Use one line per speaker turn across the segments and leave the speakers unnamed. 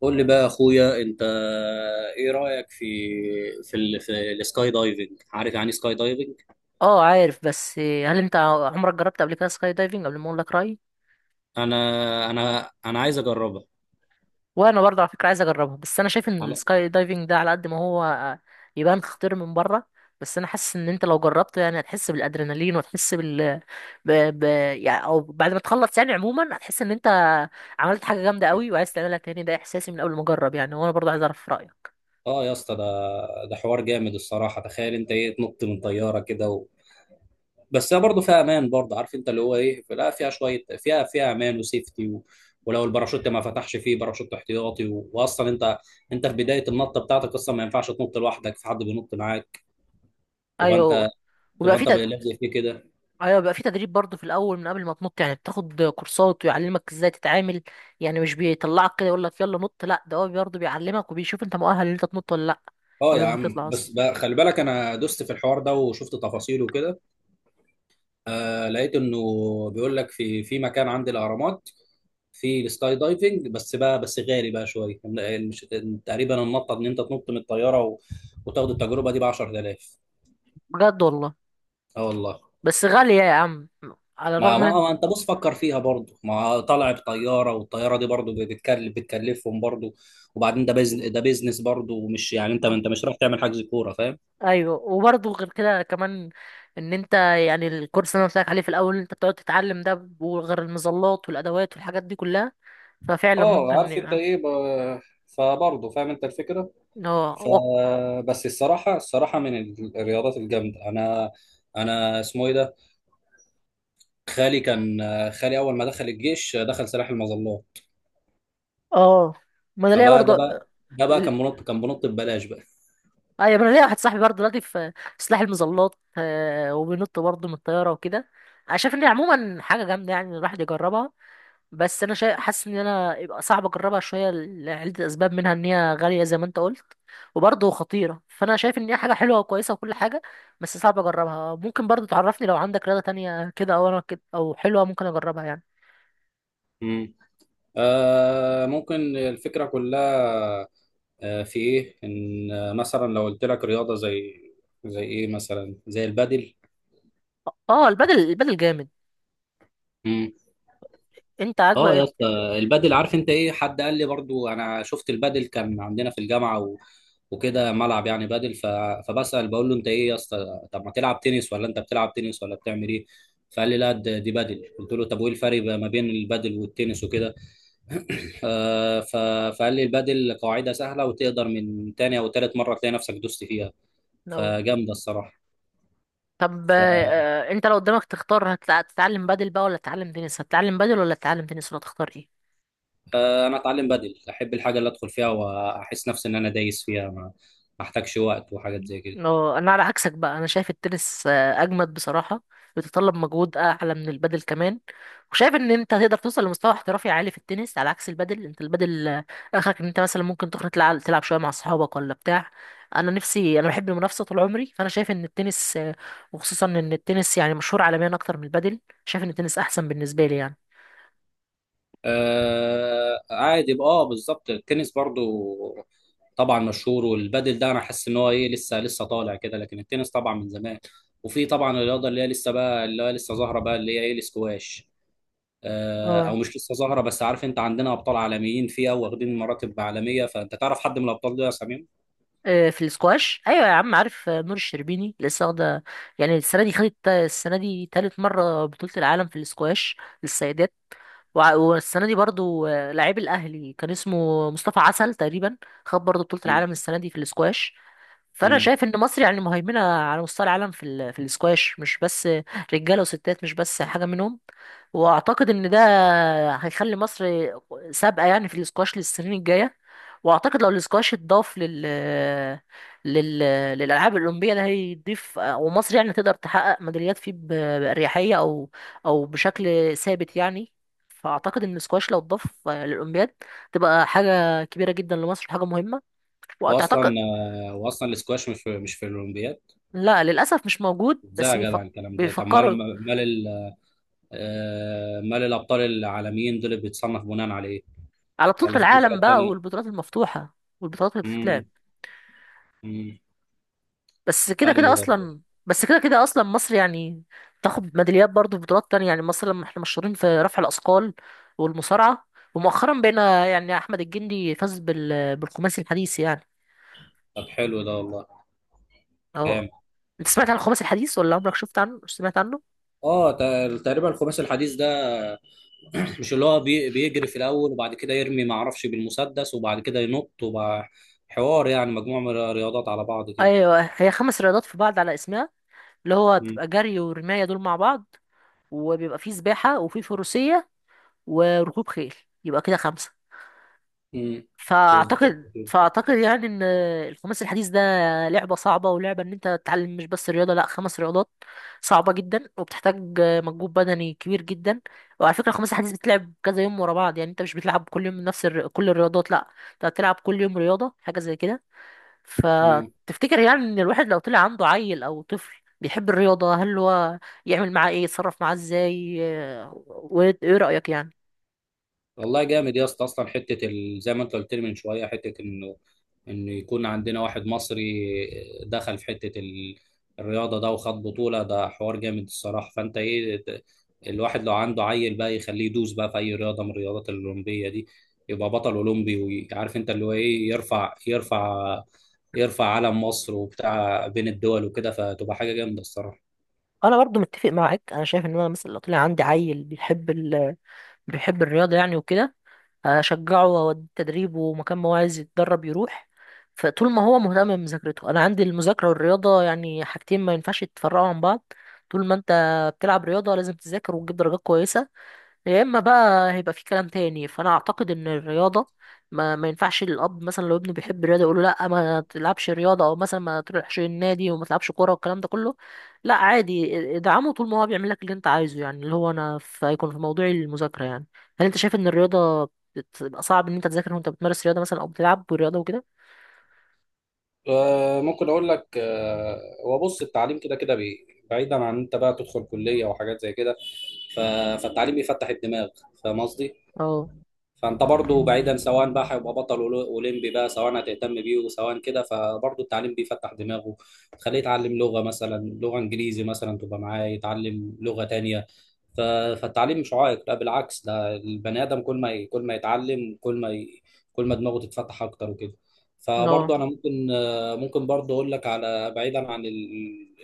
قول لي بقى يا اخويا انت، ايه رايك في السكاي دايفنج. عارف يعني سكاي دايفنج.
اه، عارف. بس هل انت عمرك جربت قبل كده سكاي دايفنج قبل ما اقول لك رايي؟
انا انا عايز اجربها.
وانا برضه على فكره عايز اجربها، بس انا شايف ان
على...
السكاي دايفنج ده على قد ما هو يبان خطير من بره، بس انا حاسس ان انت لو جربته يعني هتحس بالادرينالين وتحس بال ب... ب... يعني او بعد ما تخلص، يعني عموما هتحس ان انت عملت حاجه جامده قوي وعايز تعملها تاني. ده احساسي من اول ما اجرب يعني، وانا برضه عايز اعرف رايك.
اه يا اسطى، ده حوار جامد الصراحه. تخيل انت ايه؟ تنط من طياره كده بس هي برضه فيها امان. برضه عارف انت اللي هو ايه، لا فيها شويه، فيها امان وسيفتي ولو الباراشوت ما فتحش فيه باراشوت احتياطي واصلا انت في بدايه النطه بتاعتك اصلا ما ينفعش تنط لوحدك، في حد بينط معاك، تبقى
ايوه.
انت
وبيبقى
تبقى
في
انت لازق فيه كده.
ايوه بيبقى في تدريب برضه في الاول من قبل ما تنط، يعني بتاخد كورسات ويعلمك ازاي تتعامل. يعني مش بيطلعك كده يقول لك يلا نط، لا ده هو برضه بيعلمك وبيشوف انت مؤهل ان انت تنط ولا لا.
اه يا
قبل ما
عم
تطلع
بس
اصلا.
بقى خلي بالك، انا دوست في الحوار ده وشفت تفاصيله وكده. آه، لقيت انه بيقول لك في مكان عند الاهرامات في السكاي دايفنج. بس بقى بس غالي بقى شويه. تقريبا النطه ان انت تنط من الطياره وتاخد التجربه دي ب 10,000.
بجد والله؟
اه والله.
بس غالية يا عم. على
ما,
الرغم
ما
من
ما انت بص فكر فيها برضه، ما طالع بطياره، والطياره دي برضه بتكلفهم برضه. وبعدين ده بيزنس برضه، ومش يعني ما
اه
انت مش رايح تعمل حجز كوره، فاهم؟
ايوه، وبرضه غير كده كمان ان انت يعني الكورس اللي انا قلت لك عليه في الاول انت بتقعد تتعلم ده، وغير المظلات والادوات والحاجات دي كلها، ففعلا
اه
ممكن
عارف انت
يبقى
ايه، فبرضه فاهم انت الفكره.
اه
فبس الصراحة، من الرياضات الجامدة أنا اسمه إيه ده؟ خالي كان خالي أول ما دخل الجيش دخل سلاح المظلات.
اه، ما انا ليا
فبقى ده
برضه
بقى، كان منط ببلاش بقى.
ايوه. انا ليا واحد صاحبي برضه دلوقتي في سلاح المظلات وبينط برضه من الطياره وكده. انا شايف ان هي عموما حاجه جامده يعني إن الواحد يجربها، بس حاسس ان انا يبقى صعب اجربها شويه لعده اسباب، منها ان هي غاليه زي ما انت قلت وبرضه خطيره. فانا شايف ان هي حاجه حلوه وكويسه وكل حاجه، بس صعب اجربها. ممكن برضه تعرفني لو عندك رياضه تانية كده، او انا كده، او حلوه ممكن اجربها يعني.
مم. آه، ممكن الفكرة كلها. آه، في إيه؟ إن مثلا لو قلت لك رياضة زي إيه مثلا؟ زي البادل.
اه، البدل، البدل جامد. انت
اه يا
عاجبك؟
اسطى، البادل عارف انت ايه، حد قال لي برضو، انا شفت البادل كان عندنا في الجامعه وكده ملعب يعني بادل، فبسأل بقول له انت ايه يا اسطى، طب ما تلعب تنس، ولا انت بتلعب تنس ولا بتعمل ايه؟ فقال لي لا، دي بادل. قلت له طب، وايه الفرق بقى ما بين البادل والتنس وكده. آه، ف... فقال لي البادل قواعدها سهله، وتقدر من تاني او تالت مره تلاقي نفسك دوست فيها،
لو
فجامده الصراحه.
طب
ف...
انت لو قدامك تختار هتتعلم بادل بقى ولا تتعلم تنس؟ هتتعلم بادل ولا تتعلم تنس ولا تختار ايه؟
آه، انا اتعلم بدل، احب الحاجه اللي ادخل فيها واحس نفسي ان انا دايس فيها، ما احتاجش وقت وحاجات زي كده.
اه، انا على عكسك بقى. انا شايف التنس اجمد بصراحة. بيتطلب مجهود اعلى من البادل كمان، وشايف ان انت هتقدر توصل لمستوى احترافي عالي في التنس على عكس البادل. انت البادل اخرك ان انت مثلا ممكن تخرج تلعب شوية مع اصحابك ولا بتاع. انا نفسي، انا بحب المنافسة طول عمري، فانا شايف ان التنس وخصوصا ان التنس يعني مشهور عالميا اكتر من البادل. شايف ان التنس احسن بالنسبة لي يعني.
آه، عادي بقى. اه بالظبط، التنس برضو طبعا مشهور. والبادل ده انا حاسس ان هو ايه، لسه طالع كده. لكن التنس طبعا من زمان. وفي طبعا الرياضه اللي هي لسه بقى، اللي هي لسه ظاهره بقى، اللي هي ايه، الاسكواش. آه،
اه
او مش لسه ظاهره، بس عارف انت عندنا ابطال عالميين فيها واخدين مراتب عالميه، فانت تعرف حد من الابطال دول يا سمير؟
في السكواش، ايوه يا عم عارف. نور الشربيني لسه واخده يعني السنه دي، خدت السنه دي تالت مره بطوله العالم في السكواش للسيدات. والسنه دي برضو لعيب الاهلي كان اسمه مصطفى عسل تقريبا، خد برضو بطوله
مم.
العالم السنه دي في السكواش. فانا
مم.
شايف ان مصر يعني مهيمنه على مستوى العالم في في الاسكواش، مش بس رجاله وستات، مش بس حاجه منهم. واعتقد ان ده هيخلي مصر سابقه يعني في الاسكواش للسنين الجايه. واعتقد لو الاسكواش اتضاف لل لل للالعاب الاولمبيه، ده هيضيف، ومصر يعني تقدر تحقق ميداليات فيه باريحيه او او بشكل ثابت يعني. فاعتقد ان الاسكواش لو اتضاف للاولمبياد تبقى حاجه كبيره جدا لمصر، وحاجه مهمه.
واصلا
وتعتقد
واصلا الاسكواش مش في الاولمبياد.
لا، للأسف مش موجود.
ازاي
بس
يا جدع الكلام ده؟ طب مال
بيفكروا
مال ال- آه، مال الابطال العالميين دول بيتصنف بناء عليه،
على بطولة
ولا في
العالم
بطولات
بقى
تانية؟
والبطولات المفتوحة والبطولات اللي بتتلعب.
امم، امم،
بس كده كده
ايوه، ايوه.
أصلا بس كده كده أصلا مصر يعني تاخد ميداليات برضو في بطولات تانية. يعني مصر، لما احنا مشهورين في رفع الأثقال والمصارعة، ومؤخرا بقينا يعني أحمد الجندي فاز بالخماسي الحديث يعني.
طب حلو ده والله.
اه،
جامد.
أنت سمعت عن الخماسي الحديث، ولا عمرك شفت عنه مش سمعت عنه؟
اه، تقريبا الخماس الحديث ده، مش اللي هو بيجري في الاول، وبعد كده يرمي ما اعرفش بالمسدس، وبعد كده ينط، وبقى حوار يعني مجموعة من الرياضات على بعض كده.
أيوه، هي خمس رياضات في بعض على اسمها. اللي هو
امم،
بتبقى جري ورماية دول مع بعض، وبيبقى فيه سباحة وفيه فروسية وركوب خيل، يبقى كده خمسة.
امم،
فأعتقد
بالظبط
فأعتقد يعني إن الخماسي الحديث ده لعبة صعبة، ولعبة إن أنت تتعلم مش بس رياضة، لأ، خمس رياضات. صعبة جدا وبتحتاج مجهود بدني كبير جدا. وعلى فكرة الخماسي الحديث بتلعب كذا يوم ورا بعض، يعني أنت مش بتلعب كل يوم نفس كل الرياضات، لأ، أنت هتلعب كل يوم رياضة حاجة زي كده.
كده
فتفتكر يعني إن الواحد لو طلع عنده عيل أو طفل بيحب الرياضة، هل هو يعمل معاه إيه، يتصرف معاه إزاي وإيه رأيك يعني؟
والله. جامد يا اسطى، اصلا حته ال...، زي ما انت قلت لي من شويه، حته انه، يكون عندنا واحد مصري دخل في حته ال... الرياضه ده وخد بطوله، ده حوار جامد الصراحه. فانت ايه الواحد لو عنده عيل بقى يخليه يدوس بقى في اي رياضه من الرياضات الاولمبيه دي، يبقى بطل اولمبي. وعارف انت اللي هو ايه، يرفع علم مصر وبتاع بين الدول وكده، فتبقى حاجه جامده الصراحه.
انا برضو متفق معاك. انا شايف ان انا مثلا لو طلع عندي عيل بيحب بيحب الرياضه يعني وكده، هشجعه واوديه تدريب، ومكان ما هو عايز يتدرب يروح. فطول ما هو مهتم بمذاكرته، انا عندي المذاكره والرياضه يعني حاجتين ما ينفعش يتفرقوا عن بعض. طول ما انت بتلعب رياضه، لازم تذاكر وتجيب درجات كويسه. يا اما بقى هيبقى في كلام تاني. فانا اعتقد ان الرياضه ما ينفعش الاب مثلا لو ابنه بيحب الرياضه يقول له لا ما تلعبش رياضه، او مثلا ما تروحش النادي وما تلعبش كوره والكلام ده كله، لا عادي، ادعمه طول ما هو بيعمل لك اللي انت عايزه يعني، اللي هو انا في هيكون في موضوع المذاكره يعني. هل انت شايف ان الرياضه بتبقى صعب ان انت تذاكر وانت بتمارس رياضه مثلا، او بتلعب رياضه وكده؟
آه، ممكن اقول لك، آه، هو بص التعليم كده كده، بعيدا عن انت بقى تدخل كليه وحاجات زي كده. ف- فالتعليم بيفتح الدماغ، فاهم قصدي؟
اه
فانت برضو بعيدا، سواء بقى هيبقى بطل اولمبي بقى، سواء هتهتم بيه وسواء كده، فبرضو التعليم بيفتح دماغه. تخليه يتعلم لغة مثلا، لغة انجليزي مثلا، تبقى معاه، يتعلم لغة تانية. ف... فالتعليم مش عائق، لا بالعكس، ده البني ادم كل ما يتعلم، كل ما دماغه تتفتح اكتر وكده. فبرضو
اه،
انا ممكن، برضو اقول لك على بعيدا عن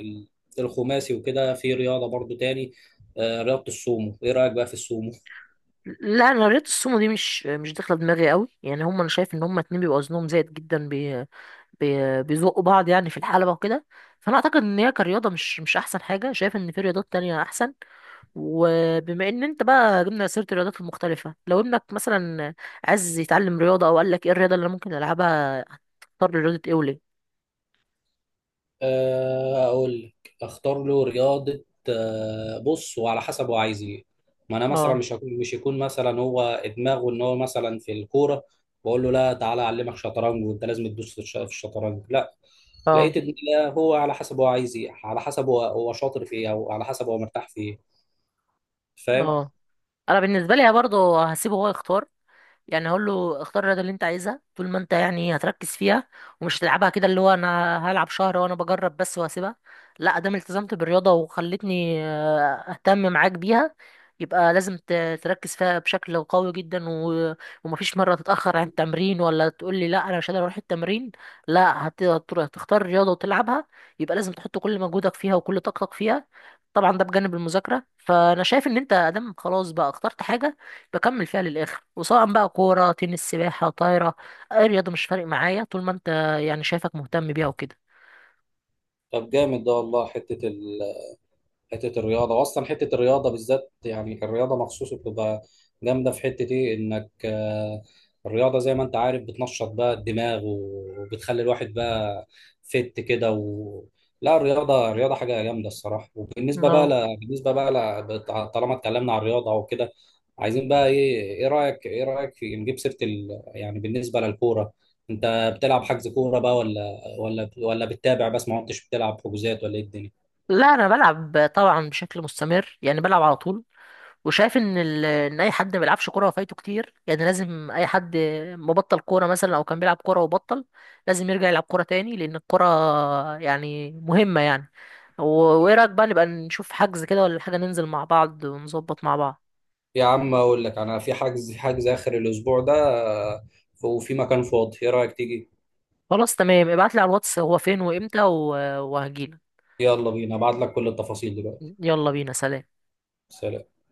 ال... الخماسي وكده، في رياضة برضو تاني. آه، رياضة السومو، ايه رأيك بقى في السومو؟
لا انا رياضه السومو دي مش داخله دماغي قوي يعني. هم انا شايف ان هم اتنين بيبقوا وزنهم زايد جدا، بي بي بيزقوا بعض يعني في الحلبه وكده. فانا اعتقد ان هي كرياضه مش احسن حاجه. شايف ان في رياضات تانية احسن. وبما ان انت بقى جبنا سيره الرياضات المختلفه، لو ابنك مثلا عايز يتعلم رياضه، او قال لك ايه الرياضه اللي أنا ممكن العبها، هتختار رياضه ايه وليه؟
آه، اقول لك اختار له رياضه. آه، بص وعلى حسب هو عايز ايه. ما انا مثلا
اه
مش يكون مثلا هو دماغه ان هو مثلا في الكوره، بقول له لا، تعالى اعلمك شطرنج، وانت لازم تدوس في في الشطرنج، لا.
اه
لقيت ان لا، هو على حسب هو عايز ايه، على حسب هو شاطر في ايه، او على حسب هو مرتاح في ايه. فاهم؟
اه، انا بالنسبه لي برضه هسيبه هو يختار. يعني هقول له اختار الرياضه اللي انت عايزها، طول ما انت يعني هتركز فيها، ومش هتلعبها كده اللي هو انا هلعب شهر وانا بجرب بس وهسيبها، لا. ادام التزمت بالرياضه وخلتني اهتم معاك بيها، يبقى لازم تركز فيها بشكل قوي جدا ومفيش مره تتاخر عن التمرين، ولا تقول لي لا انا مش قادر اروح التمرين، لا هتختار الرياضه وتلعبها. يبقى لازم تحط كل مجهودك فيها وكل طاقتك فيها. طبعا ده بجانب المذاكرة. فأنا شايف إن أنت أدام خلاص بقى اخترت حاجة، بكمل فيها للآخر. وسواء بقى كورة، تنس، سباحة، طايرة، أي رياضة مش فارق معايا، طول ما أنت يعني شايفك مهتم بيها وكده.
طب جامد ده والله. حتة الرياضة، وأصلا حتة الرياضة بالذات، يعني الرياضة مخصوص بتبقى جامدة في حتة إيه إنك، الرياضة زي ما أنت عارف بتنشط بقى الدماغ، وبتخلي الواحد بقى فت كده لا، الرياضة حاجة جامدة الصراحة. وبالنسبة بقى
اه،
ل...، بالنسبة بقى ل...، طالما اتكلمنا عن الرياضة وكده، عايزين بقى إيه، إيه رأيك في نجيب سيرة ال...، يعني بالنسبة للكورة، أنت بتلعب حجز كورة بقى، ولا بتتابع بس، ما كنتش بتلعب حجوزات، ولا إيه الدنيا؟
لا أنا بلعب طبعا بشكل مستمر يعني، بلعب على طول. وشايف ان ان اي حد ما بيلعبش كوره فايته كتير يعني. لازم اي حد مبطل كوره مثلا، او كان بيلعب كوره وبطل، لازم يرجع يلعب كوره تاني، لان الكوره يعني مهمه يعني. و- وايه رايك بقى نبقى نشوف حجز كده، ولا حاجه ننزل مع بعض ونظبط مع بعض؟
يا عم اقول لك، انا في حجز، اخر الاسبوع ده، آه، وفي مكان فاضي، ايه رايك تيجي؟
خلاص تمام، ابعت لي على الواتس هو فين وامتى وهجيلك.
يلا بينا، ابعت لك كل التفاصيل دلوقتي.
يلا بينا، سلام.
سلام.